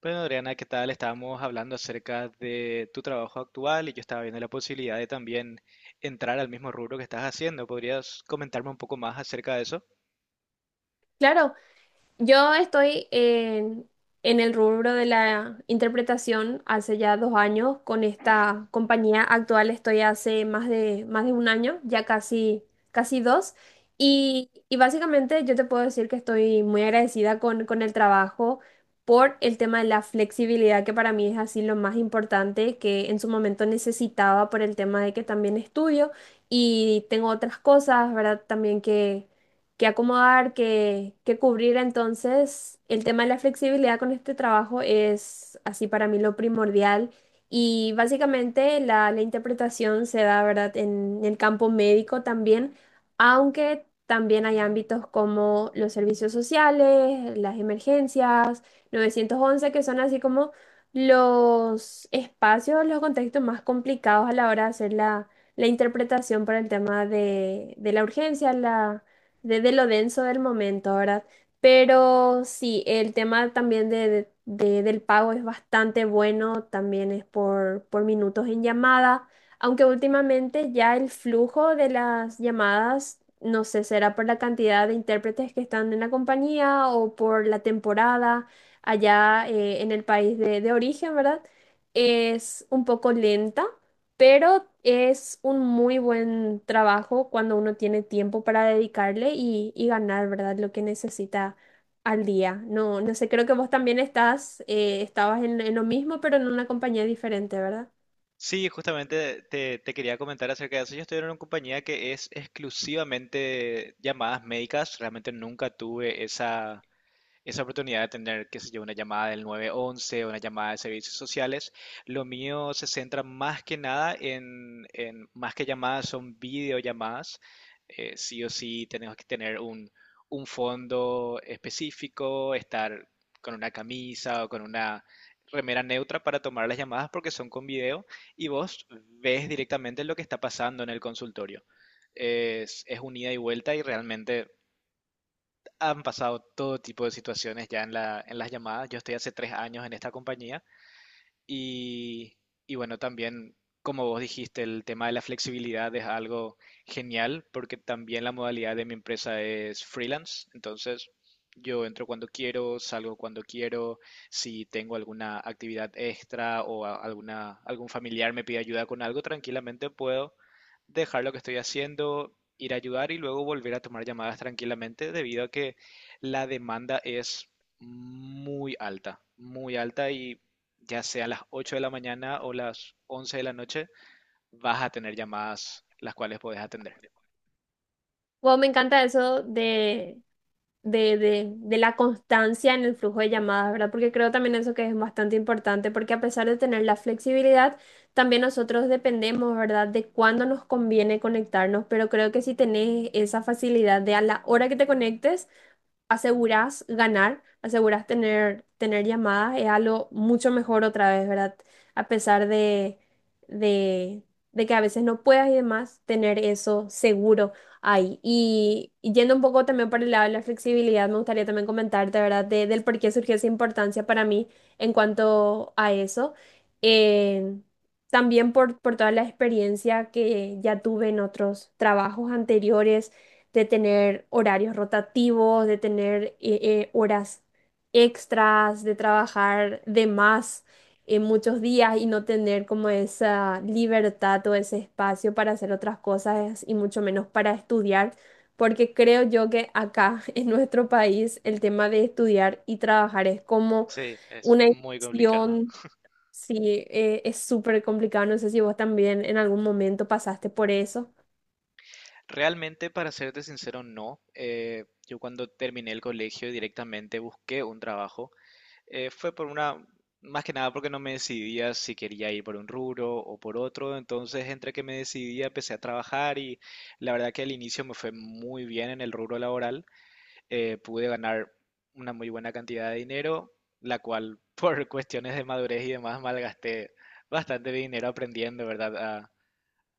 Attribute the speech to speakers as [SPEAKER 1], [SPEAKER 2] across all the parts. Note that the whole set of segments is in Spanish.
[SPEAKER 1] Bueno, Adriana, ¿qué tal? Estábamos hablando acerca de tu trabajo actual y yo estaba viendo la posibilidad de también entrar al mismo rubro que estás haciendo. ¿Podrías comentarme un poco más acerca de eso?
[SPEAKER 2] Claro, yo estoy en el rubro de la interpretación hace ya dos años. Con esta compañía actual estoy hace más de un año, ya casi dos. Y básicamente yo te puedo decir que estoy muy agradecida con el trabajo por el tema de la flexibilidad, que para mí es así lo más importante que en su momento necesitaba por el tema de que también estudio y tengo otras cosas, ¿verdad? También que acomodar, que cubrir. Entonces, el tema de la flexibilidad con este trabajo es así para mí lo primordial. Y básicamente la interpretación se da, ¿verdad?, en el campo médico también, aunque también hay ámbitos como los servicios sociales, las emergencias, 911, que son así como los espacios, los contextos más complicados a la hora de hacer la interpretación para el tema de la urgencia, la, de lo denso del momento, ¿verdad? Pero sí, el tema también del pago es bastante bueno, también es por minutos en llamada, aunque últimamente ya el flujo de las llamadas, no sé, será por la cantidad de intérpretes que están en la compañía o por la temporada allá, en el país de origen, ¿verdad? Es un poco lenta, pero es un muy buen trabajo cuando uno tiene tiempo para dedicarle y ganar, ¿verdad? Lo que necesita al día. No, no sé, creo que vos también estabas en lo mismo, pero en una compañía diferente, ¿verdad?
[SPEAKER 1] Sí, justamente te quería comentar acerca de eso. Yo estoy en una compañía que es exclusivamente llamadas médicas. Realmente nunca tuve esa oportunidad de tener, qué sé yo, una llamada del 911, una llamada de servicios sociales. Lo mío se centra más que nada en, más que llamadas, son videollamadas. Sí o sí tenemos que tener un fondo específico, estar con una camisa o con una remera neutra para tomar las llamadas porque son con video y vos ves directamente lo que está pasando en el consultorio. Es un ida y vuelta y realmente han pasado todo tipo de situaciones ya en las llamadas. Yo estoy hace tres años en esta compañía y, y bueno, también, como vos dijiste, el tema de la flexibilidad es algo genial porque también la modalidad de mi empresa es freelance. Entonces, yo entro cuando quiero, salgo cuando quiero. Si tengo alguna actividad extra o algún familiar me pide ayuda con algo, tranquilamente puedo dejar lo que estoy haciendo, ir a ayudar y luego volver a tomar llamadas tranquilamente debido a que la demanda es muy alta y ya sea a las 8 de la mañana o las 11 de la noche, vas a tener llamadas las cuales podés atender.
[SPEAKER 2] Wow, me encanta eso de la constancia en el flujo de llamadas, ¿verdad? Porque creo también eso que es bastante importante, porque a pesar de tener la flexibilidad, también nosotros dependemos, ¿verdad?, de cuándo nos conviene conectarnos, pero creo que si tenés esa facilidad de a la hora que te conectes, aseguras ganar, aseguras tener llamadas, es algo mucho mejor otra vez, ¿verdad? A pesar de, de que a veces no puedas y demás, tener eso seguro ahí. Y yendo un poco también por el lado de la flexibilidad, me gustaría también comentarte, ¿verdad? Del por qué surgió esa importancia para mí en cuanto a eso. Eh, También por toda la experiencia que ya tuve en otros trabajos anteriores de tener horarios rotativos, de tener horas extras, de trabajar de más en muchos días y no tener como esa libertad o ese espacio para hacer otras cosas y mucho menos para estudiar, porque creo yo que acá en nuestro país el tema de estudiar y trabajar es como
[SPEAKER 1] Sí, es
[SPEAKER 2] una
[SPEAKER 1] muy complicado.
[SPEAKER 2] inversión. Sí, es súper complicado. No sé si vos también en algún momento pasaste por eso.
[SPEAKER 1] Realmente, para serte sincero, no. Yo cuando terminé el colegio directamente busqué un trabajo. Fue por más que nada porque no me decidía si quería ir por un rubro o por otro. Entonces, entre que me decidía, empecé a trabajar y la verdad que al inicio me fue muy bien en el rubro laboral. Pude ganar una muy buena cantidad de dinero, la cual por cuestiones de madurez y demás malgasté bastante de dinero aprendiendo, ¿verdad? A,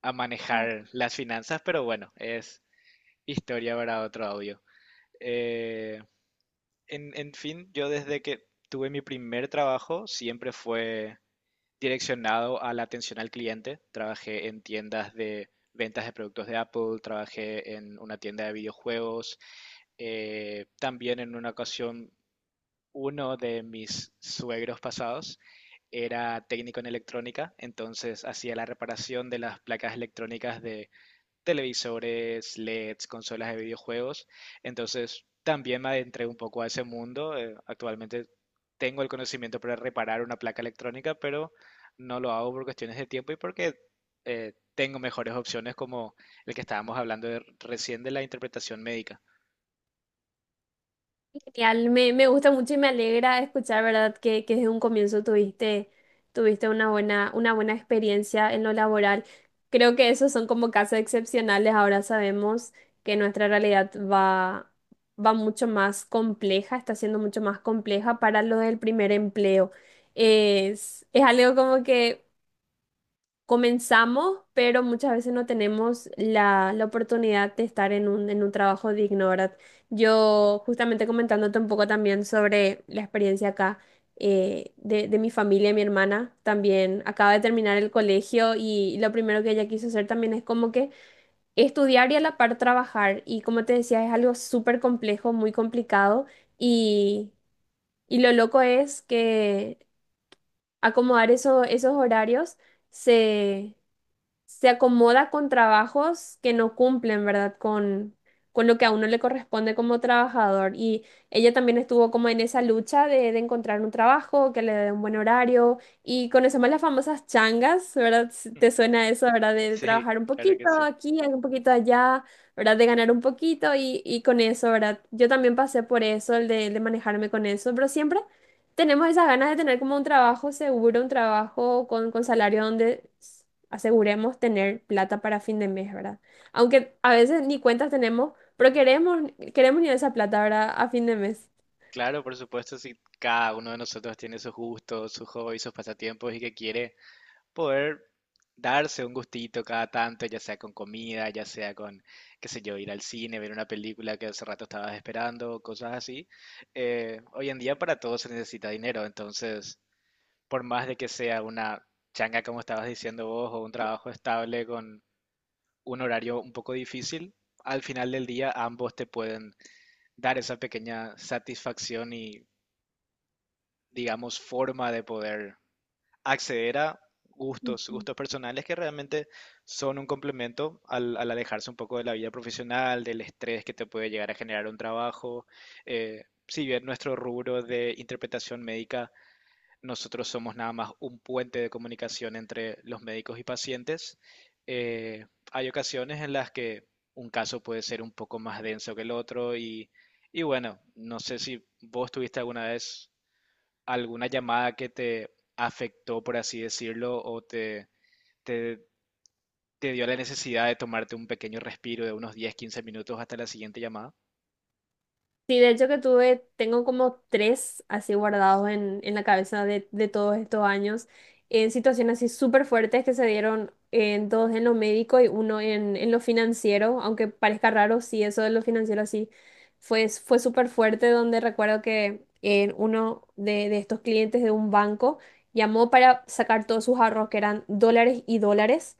[SPEAKER 1] a manejar las finanzas, pero bueno, es historia para otro audio. Eh, en fin, yo desde que tuve mi primer trabajo siempre fue direccionado a la atención al cliente. Trabajé en tiendas de ventas de productos de Apple, trabajé en una tienda de videojuegos, también en una ocasión uno de mis suegros pasados era técnico en electrónica, entonces hacía la reparación de las placas electrónicas de televisores, LEDs, consolas de videojuegos. Entonces también me adentré un poco a ese mundo. Actualmente tengo el conocimiento para reparar una placa electrónica, pero no lo hago por cuestiones de tiempo y porque tengo mejores opciones como el que estábamos hablando recién de la interpretación médica.
[SPEAKER 2] Genial, me gusta mucho y me alegra escuchar, ¿verdad? Que desde un comienzo tuviste una buena experiencia en lo laboral. Creo que esos son como casos excepcionales. Ahora sabemos que nuestra realidad va mucho más compleja, está siendo mucho más compleja para lo del primer empleo. Es algo como que comenzamos, pero muchas veces no tenemos la oportunidad de estar en un trabajo digno, ¿verdad? Yo justamente comentándote un poco también sobre la experiencia acá, de mi familia, mi hermana también acaba de terminar el colegio y lo primero que ella quiso hacer también es como que estudiar y a la par trabajar. Y como te decía, es algo súper complejo, muy complicado, y, y lo loco es que acomodar esos horarios se se acomoda con trabajos que no cumplen, ¿verdad? Con lo que a uno le corresponde como trabajador. Y ella también estuvo como en esa lucha de encontrar un trabajo que le dé un buen horario. Y conocemos las famosas changas, ¿verdad? Si, ¿te suena eso, verdad? De
[SPEAKER 1] Sí,
[SPEAKER 2] trabajar un
[SPEAKER 1] claro que
[SPEAKER 2] poquito
[SPEAKER 1] sí.
[SPEAKER 2] aquí, un poquito allá, ¿verdad? De ganar un poquito y con eso, ¿verdad? Yo también pasé por eso, el de manejarme con eso, pero siempre tenemos esas ganas de tener como un trabajo seguro, un trabajo con salario donde aseguremos tener plata para fin de mes, ¿verdad? Aunque a veces ni cuentas tenemos, pero queremos ni esa plata, ¿verdad? A fin de mes.
[SPEAKER 1] Claro, por supuesto, si cada uno de nosotros tiene sus gustos, sus hobbies, sus pasatiempos y que quiere poder darse un gustito cada tanto, ya sea con comida, ya sea con, qué sé yo, ir al cine, ver una película que hace rato estabas esperando, cosas así. Hoy en día para todo se necesita dinero, entonces, por más de que sea una changa, como estabas diciendo vos, o un trabajo estable con un horario un poco difícil, al final del día ambos te pueden dar esa pequeña satisfacción y digamos, forma de poder acceder a gustos,
[SPEAKER 2] Ujú.
[SPEAKER 1] gustos personales que realmente son un complemento al, al alejarse un poco de la vida profesional, del estrés que te puede llegar a generar un trabajo. Si bien nuestro rubro de interpretación médica, nosotros somos nada más un puente de comunicación entre los médicos y pacientes, eh, hay ocasiones en las que un caso puede ser un poco más denso que el otro y bueno, no sé si vos tuviste alguna vez alguna llamada que te afectó, por así decirlo, o te, te dio la necesidad de tomarte un pequeño respiro de unos 10-15 minutos hasta la siguiente llamada.
[SPEAKER 2] Sí, de hecho que tengo como tres así guardados en la cabeza de todos estos años, en situaciones así súper fuertes que se dieron en dos en lo médico y uno en lo financiero, aunque parezca raro, sí, eso de lo financiero así fue súper fuerte, donde recuerdo que uno de estos clientes de un banco llamó para sacar todos sus ahorros, que eran dólares y dólares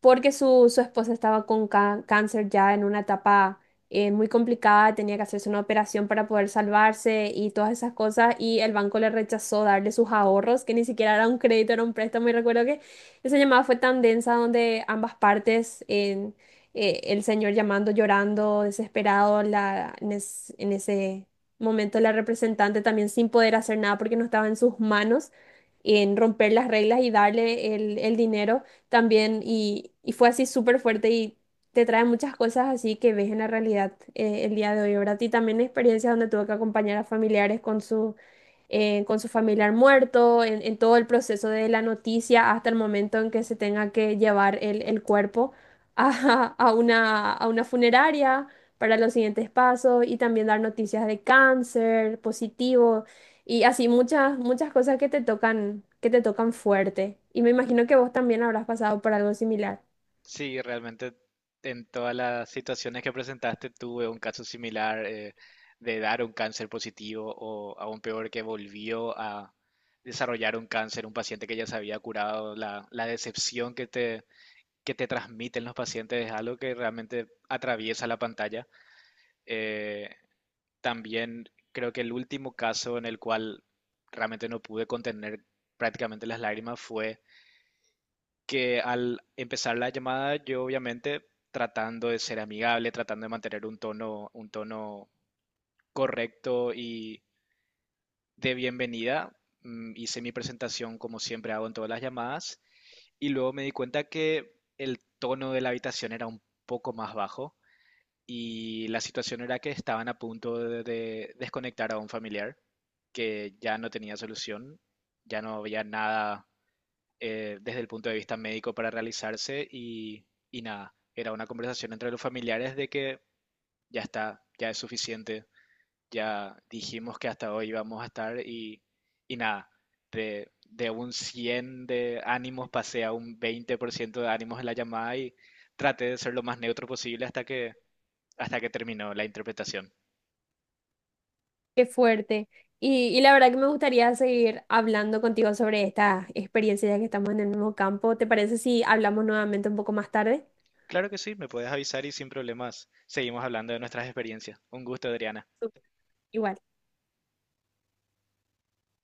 [SPEAKER 2] porque su esposa estaba con cáncer ya en una etapa muy complicada, tenía que hacerse una operación para poder salvarse y todas esas cosas, y el banco le rechazó darle sus ahorros, que ni siquiera era un crédito, era un préstamo, y recuerdo que esa llamada fue tan densa donde ambas partes, el señor llamando, llorando, desesperado, en ese momento la representante también sin poder hacer nada porque no estaba en sus manos en romper las reglas y darle el dinero también, y fue así súper fuerte y te trae muchas cosas así que ves en la realidad, el día de hoy, ¿verdad? Y también experiencias donde tuve que acompañar a familiares con su familiar muerto, en todo el proceso de la noticia hasta el momento en que se tenga que llevar el cuerpo a una funeraria para los siguientes pasos y también dar noticias de cáncer positivo. Y así muchas cosas que te tocan fuerte. Y me imagino que vos también habrás pasado por algo similar.
[SPEAKER 1] Sí, realmente en todas las situaciones que presentaste tuve un caso similar, de dar un cáncer positivo o aún peor que volvió a desarrollar un cáncer, un paciente que ya se había curado, la decepción que te transmiten los pacientes es algo que realmente atraviesa la pantalla. Eh, También creo que el último caso en el cual realmente no pude contener prácticamente las lágrimas fue que al empezar la llamada yo obviamente tratando de ser amigable, tratando de mantener un tono, correcto y de bienvenida, hice mi presentación como siempre hago en todas las llamadas y luego me di cuenta que el tono de la habitación era un poco más bajo y la situación era que estaban a punto de desconectar a un familiar que ya no tenía solución, ya no había nada, desde el punto de vista médico para realizarse y nada, era una conversación entre los familiares de que ya está, ya es suficiente, ya dijimos que hasta hoy íbamos a estar y nada, de un 100 de ánimos pasé a un 20% de ánimos en la llamada y traté de ser lo más neutro posible hasta que terminó la interpretación.
[SPEAKER 2] Qué fuerte. Y la verdad que me gustaría seguir hablando contigo sobre esta experiencia ya que estamos en el mismo campo. ¿Te parece si hablamos nuevamente un poco más tarde?
[SPEAKER 1] Claro que sí, me puedes avisar y sin problemas seguimos hablando de nuestras experiencias. Un gusto, Adriana.
[SPEAKER 2] Súper. Igual.